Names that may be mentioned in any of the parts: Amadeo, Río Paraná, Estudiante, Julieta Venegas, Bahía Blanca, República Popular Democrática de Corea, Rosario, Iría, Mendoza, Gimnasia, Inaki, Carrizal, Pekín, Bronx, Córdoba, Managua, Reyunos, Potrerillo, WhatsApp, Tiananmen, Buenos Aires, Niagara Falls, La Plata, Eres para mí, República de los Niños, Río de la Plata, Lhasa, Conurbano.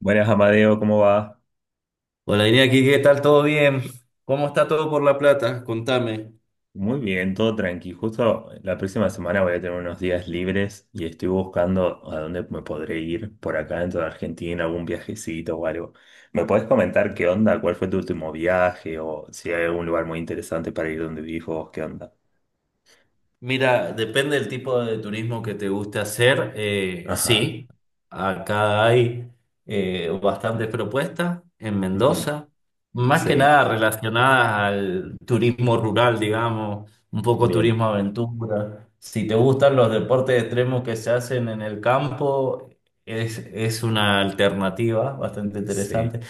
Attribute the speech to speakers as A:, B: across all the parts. A: Buenas, Amadeo, ¿cómo va?
B: Hola, Iría, aquí. ¿Qué tal? ¿Todo bien? ¿Cómo está todo por La Plata? Contame.
A: Muy bien, todo tranqui. Justo la próxima semana voy a tener unos días libres y estoy buscando a dónde me podré ir por acá dentro de Argentina, algún viajecito o algo. ¿Me puedes comentar qué onda? ¿Cuál fue tu último viaje? O si hay algún lugar muy interesante para ir donde vivís vos, ¿qué onda?
B: Mira, depende del tipo de turismo que te guste hacer.
A: Ajá.
B: Sí, acá hay bastantes propuestas en
A: Ujú.
B: Mendoza, más que
A: Sí,
B: nada relacionadas al turismo rural, digamos, un poco
A: bien.
B: turismo aventura. Si te gustan los deportes extremos que se hacen en el campo, es una alternativa bastante interesante.
A: Sí,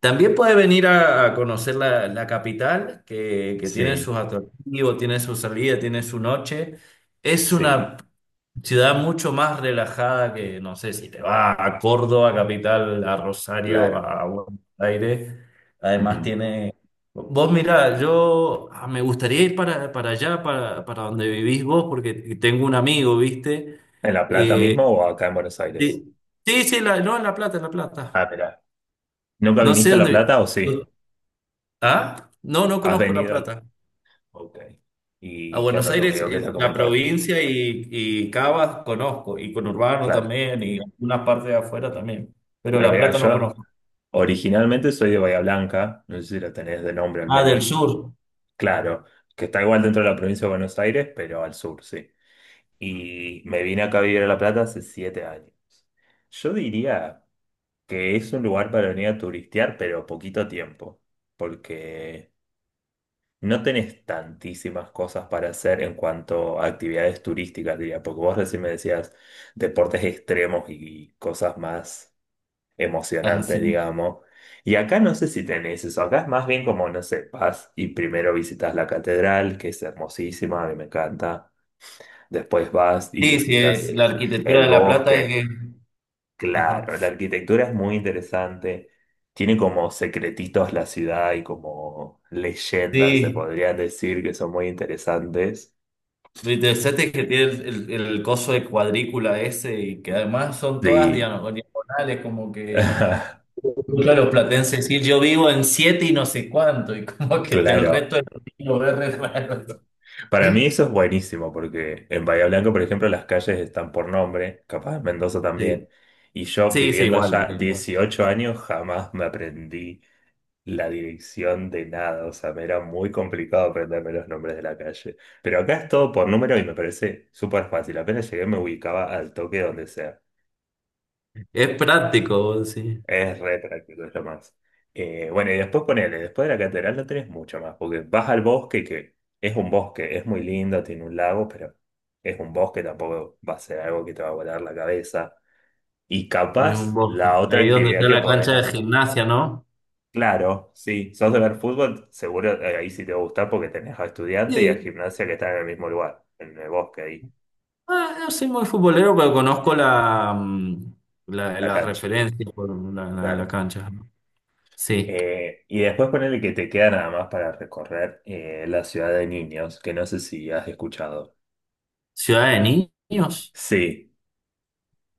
B: También puede venir a conocer la capital, que tiene
A: sí,
B: sus atractivos, tiene su salida, tiene su noche. Es
A: sí,
B: una ciudad mucho más relajada que, no sé, si te vas a Córdoba, capital, a Rosario,
A: claro.
B: a Buenos Aires.
A: Ujú.
B: Además tiene... Vos mirá, yo me gustaría ir para allá, para donde vivís vos, porque tengo un amigo, ¿viste?
A: ¿En La Plata
B: Eh,
A: mismo o acá en Buenos Aires?
B: sí, sí, sí, no, en La Plata, en La Plata.
A: Ah, mira. ¿Nunca
B: No sé
A: viniste a La
B: dónde...
A: Plata o sí?
B: Ah, no, no
A: ¿Has
B: conozco La
A: venido?
B: Plata.
A: Ok.
B: A
A: ¿Y qué
B: Buenos
A: onda tu
B: Aires,
A: amigo? ¿Qué te ha
B: la
A: comentado?
B: provincia y Cava conozco, y Conurbano
A: Claro.
B: también, y algunas partes de afuera también, pero
A: Bueno,
B: La
A: mira,
B: Plata no
A: yo
B: conozco.
A: originalmente soy de Bahía Blanca, no sé si lo tenés de nombre al
B: Ah, del
A: menos.
B: sur.
A: Claro, que está igual dentro de la provincia de Buenos Aires, pero al sur, sí. Y me vine acá a vivir a La Plata hace 7 años. Yo diría que es un lugar para venir a turistear, pero poquito tiempo, porque no tenés tantísimas cosas para hacer en cuanto a actividades turísticas, diría, porque vos recién me decías deportes extremos y cosas más
B: Ah,
A: emocionantes,
B: sí.
A: digamos. Y acá no sé si tenés eso, acá es más bien como, no sé, vas y primero visitas la catedral, que es hermosísima, a mí me encanta. Después vas y
B: Sí, sí,
A: visitas
B: la arquitectura
A: el
B: de La Plata es
A: bosque.
B: que... Ajá.
A: Claro, la arquitectura es muy interesante. Tiene como secretitos la ciudad y como leyendas, se
B: Sí,
A: podría decir, que son muy interesantes.
B: lo interesante es que tiene el coso de cuadrícula ese y que además son todas
A: Sí,
B: diagonales, como que escucho a los platenses decir yo vivo en siete y no sé cuánto, y como que el
A: claro.
B: resto del mundo es re raro.
A: Para mí eso es buenísimo porque en Bahía Blanca, por ejemplo, las calles están por nombre, capaz en Mendoza también.
B: Sí,
A: Y yo
B: sí, sí,
A: viviendo
B: igual,
A: allá
B: igual.
A: 18 años jamás me aprendí la dirección de nada, o sea, me era muy complicado aprenderme los nombres de la calle. Pero acá es todo por número y me parece súper fácil. Apenas llegué me ubicaba al toque donde sea.
B: Es práctico, sí.
A: Es re práctico, es lo más. Bueno, y después ponele, después de la catedral no tenés mucho más, porque vas al bosque, que es un bosque, es muy lindo, tiene un lago, pero es un bosque, tampoco va a ser algo que te va a volar la cabeza. Y
B: Es un
A: capaz
B: bosque.
A: la otra
B: Ahí donde
A: actividad
B: está
A: que
B: la
A: podés
B: cancha de
A: hacer.
B: gimnasia, ¿no?
A: Claro, sí. Sos de ver fútbol, seguro, ahí sí te va a gustar porque tenés a estudiante y a
B: Sí.
A: gimnasia que están en el mismo lugar, en el bosque ahí,
B: Ah, no soy muy futbolero, pero conozco la,
A: la
B: las
A: cancha,
B: referencias por la
A: claro.
B: cancha, ¿no? Sí.
A: Y después ponele que te queda nada más para recorrer, la ciudad de niños, que no sé si has escuchado.
B: ¿Ciudad de niños?
A: Sí,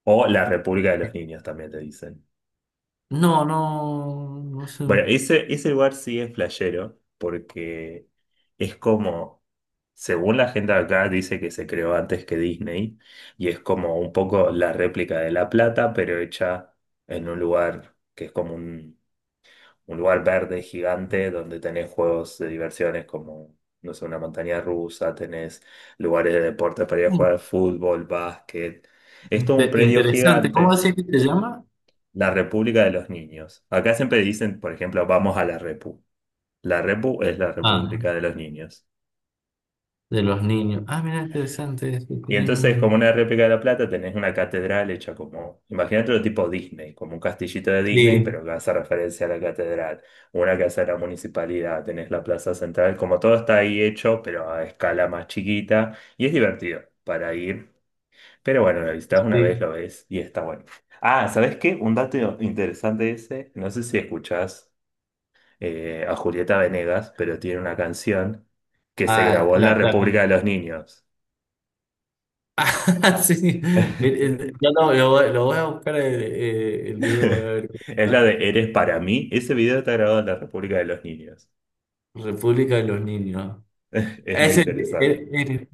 A: o la República de los Niños también te dicen.
B: No, no, no sé.
A: Bueno, ese lugar sí es flashero, porque es como, según la gente de acá, dice que se creó antes que Disney, y es como un poco la réplica de La Plata, pero hecha en un lugar que es como un lugar verde gigante, donde tenés juegos de diversiones como, no sé, una montaña rusa, tenés lugares de deportes para ir a jugar fútbol, básquet. Es todo un predio
B: Interesante. ¿Cómo
A: gigante,
B: decía que te llama?
A: la República de los Niños. Acá siempre dicen, por ejemplo, vamos a la Repu. La Repu es la
B: Ah,
A: República de los Niños.
B: de los niños. Ah, mira, interesante. Eso,
A: Y
B: tienen
A: entonces, como
B: un...
A: una réplica de La Plata, tenés una catedral hecha como, imagínate lo tipo Disney, como un castillito de Disney,
B: Sí,
A: pero que hace referencia a la catedral, una que hace a la municipalidad, tenés la plaza central, como todo está ahí hecho, pero a escala más chiquita, y es divertido para ir. Pero bueno, lo visitas una vez,
B: sí.
A: lo ves, y está bueno. Ah, ¿sabés qué? Un dato interesante ese, no sé si escuchás a Julieta Venegas, pero tiene una canción que se
B: Ah,
A: grabó en la República de los Niños.
B: sí. Mire, no, no, lo voy a buscar el video para ver qué
A: Es la
B: onda.
A: de Eres para mí. Ese video está grabado en la República de los Niños.
B: República de los Niños.
A: Es muy
B: Es
A: interesante.
B: el-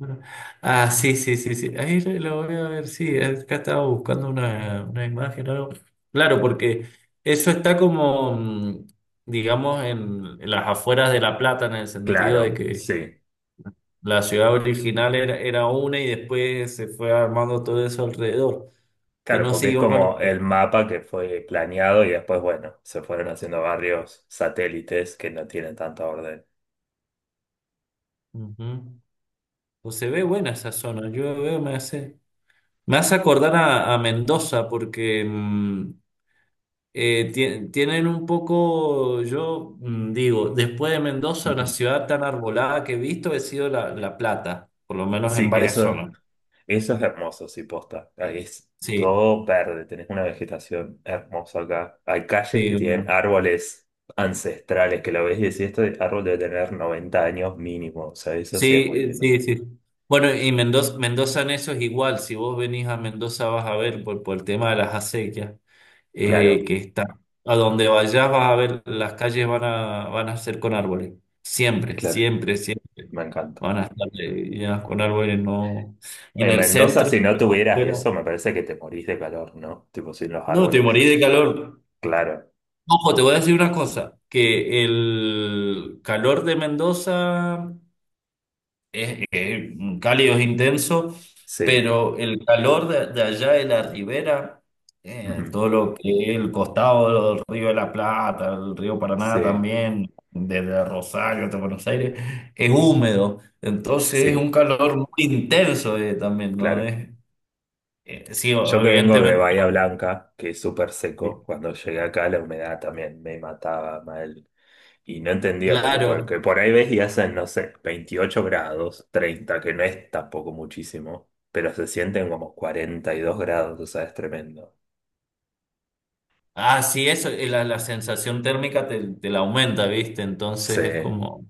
B: ah, sí, sí, sí, sí. Ahí lo voy a ver, sí. Acá estaba buscando una imagen o algo. Claro, porque eso está como, digamos, en las afueras de La Plata, en el sentido de
A: Claro,
B: que
A: sí.
B: la ciudad original era una y después se fue armando todo eso alrededor, que
A: Claro,
B: no
A: porque es
B: siguió con...
A: como el mapa que fue planeado y después, bueno, se fueron haciendo barrios satélites que no tienen tanta orden.
B: Ujú. O se ve buena esa zona. Yo veo, me hace acordar a Mendoza porque tienen un poco, yo digo, después de Mendoza, una
A: Ujú.
B: ciudad tan arbolada que he visto, he sido La Plata, por lo menos en
A: Sí,
B: varias zonas.
A: eso es hermoso, sí, posta. Ahí es
B: Sí,
A: todo verde, tenés una vegetación hermosa acá. Hay calles
B: sí,
A: que tienen
B: uno-
A: árboles ancestrales que lo ves y decís, este árbol debe tener 90 años mínimo. O sea, eso sí es
B: Sí,
A: muy lindo.
B: sí, sí. Bueno, y Mendoza, Mendoza en eso es igual. Si vos venís a Mendoza vas a ver por el tema de las acequias.
A: Claro,
B: Que está. A donde vayas vas a ver, las calles van a ser con árboles. Siempre,
A: claro,
B: siempre, siempre.
A: me encanta.
B: Van a estar llenas con árboles, no. En
A: En
B: el
A: Mendoza,
B: centro,
A: si no tuvieras
B: pero-
A: eso, me parece que te morís de calor, ¿no? Tipo, sin los
B: No, te
A: árboles.
B: morí de calor.
A: Claro,
B: Ojo, te voy a decir una cosa, que el calor de Mendoza es, cálido, es intenso,
A: sí.
B: pero el calor de allá de la ribera,
A: Ujú.
B: todo lo que es el costado del Río de la Plata, el Río Paraná
A: Sí,
B: también, desde Rosario hasta Buenos Aires, es húmedo, entonces es un
A: sí,
B: calor muy intenso también, ¿no?
A: claro.
B: Sí,
A: Yo que vengo de
B: evidentemente,
A: Bahía Blanca, que es súper seco, cuando llegué acá la humedad también me mataba mal. Y no entendía, porque
B: claro.
A: por ahí ves y hacen, no sé, 28 grados, 30, que no es tampoco muchísimo, pero se sienten como 42 grados, o sea, es tremendo.
B: Ah, sí, eso, la sensación térmica te la aumenta, ¿viste?
A: Sí,
B: Entonces es como...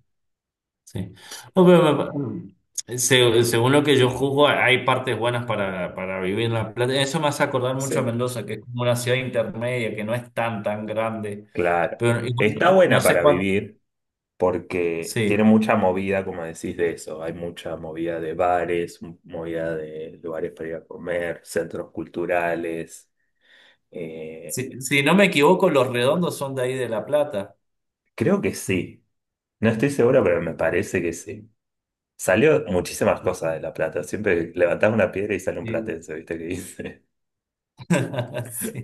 B: Sí. No, pero, según lo que yo juzgo, hay partes buenas para vivir en La Plata. Eso me hace acordar mucho a
A: sí,
B: Mendoza, que es como una ciudad intermedia, que no es tan grande.
A: claro.
B: Pero igual no,
A: Está
B: no
A: buena
B: sé
A: para
B: cuánto.
A: vivir porque
B: Sí.
A: tiene mucha movida, como decís, de eso. Hay mucha movida de bares, movida de lugares para ir a comer, centros culturales. Eh,
B: Si, si no me equivoco, los redondos son de ahí de La Plata.
A: Creo que sí. No estoy seguro, pero me parece que sí. Salió muchísimas cosas de La Plata. Siempre levantás una piedra y sale un
B: Sí.
A: platense, ¿viste qué dice?
B: Sí.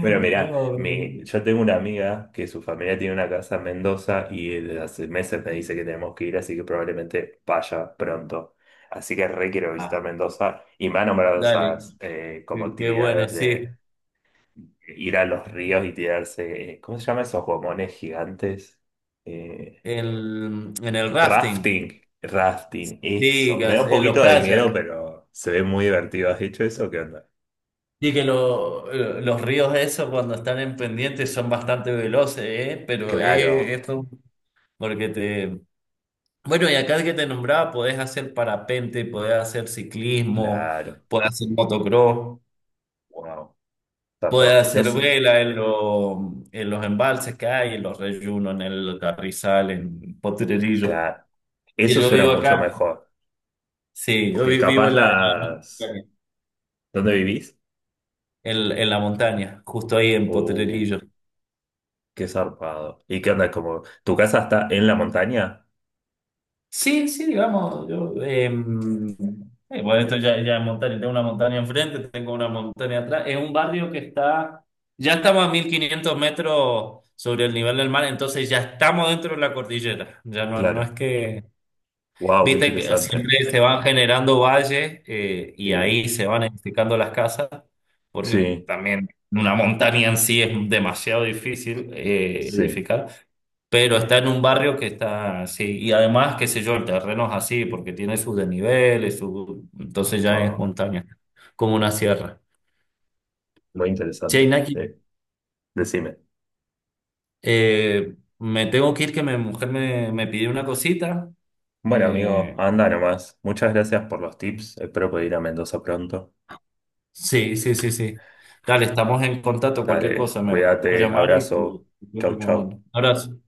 A: Bueno, mirá, yo tengo una amiga que su familia tiene una casa en Mendoza y desde hace meses me dice que tenemos que ir, así que probablemente vaya pronto. Así que re quiero visitar
B: ah,
A: Mendoza y me ha nombrado
B: dale.
A: esas, como
B: Qué, qué bueno,
A: actividades de
B: sí.
A: ir a los ríos y tirarse, ¿cómo se llama esos gomones gigantes? Eh,
B: En el rafting,
A: Rafting, rafting, eso. Me da
B: digas,
A: un
B: en los
A: poquito de miedo,
B: kayaks.
A: pero se ve muy divertido. ¿Has dicho eso? ¿Qué onda?
B: Y que los ríos esos cuando están en pendiente son bastante veloces, ¿eh? Pero
A: Claro,
B: esto, porque te... Bueno, y acá que te nombraba, podés hacer parapente, podés hacer ciclismo,
A: claro.
B: podés hacer motocross,
A: Wow.
B: podés
A: Tampoco. No
B: hacer
A: sé,
B: vela en, en los embalses que hay, en los reyunos, en el Carrizal, en Potrerillo.
A: claro.
B: Y
A: Eso
B: yo
A: suena
B: vivo
A: mucho
B: acá,
A: mejor.
B: sí, yo
A: Porque
B: vivo
A: capaz
B: en
A: las.
B: la,
A: ¿Dónde vivís?
B: en la montaña, justo ahí en
A: Uh,
B: Potrerillo.
A: qué zarpado. ¿Y qué onda? Como, ¿tu casa está en la montaña?
B: Sí, sí, digamos, bueno, esto ya, ya es montaña, tengo una montaña enfrente, tengo una montaña atrás, es un barrio que está, ya estamos a 1500 metros sobre el nivel del mar, entonces ya estamos dentro de la cordillera, ya no, no es
A: Claro.
B: que,
A: Wow, qué
B: viste que
A: interesante.
B: siempre se van generando valles y
A: Sí,
B: ahí se van edificando las casas, porque
A: sí,
B: también una montaña en sí es demasiado difícil
A: sí.
B: edificar pero está en un barrio que está así. Y además, qué sé yo, el terreno es así, porque tiene sus desniveles, su... entonces ya es
A: Wow,
B: montaña, como una sierra.
A: muy
B: Che,
A: interesante.
B: Inaki,
A: Eh, Decime.
B: me tengo que ir, que mi mujer me pidió una cosita.
A: Bueno, amigo,
B: Eh,
A: anda nomás. Muchas gracias por los tips. Espero poder ir a Mendoza pronto.
B: sí, sí, sí, sí. Dale, estamos en contacto, cualquier
A: Dale,
B: cosa, me voy a
A: cuídate,
B: llamar
A: abrazo.
B: y voy
A: Chau,
B: recomendando.
A: chau.
B: Abrazo.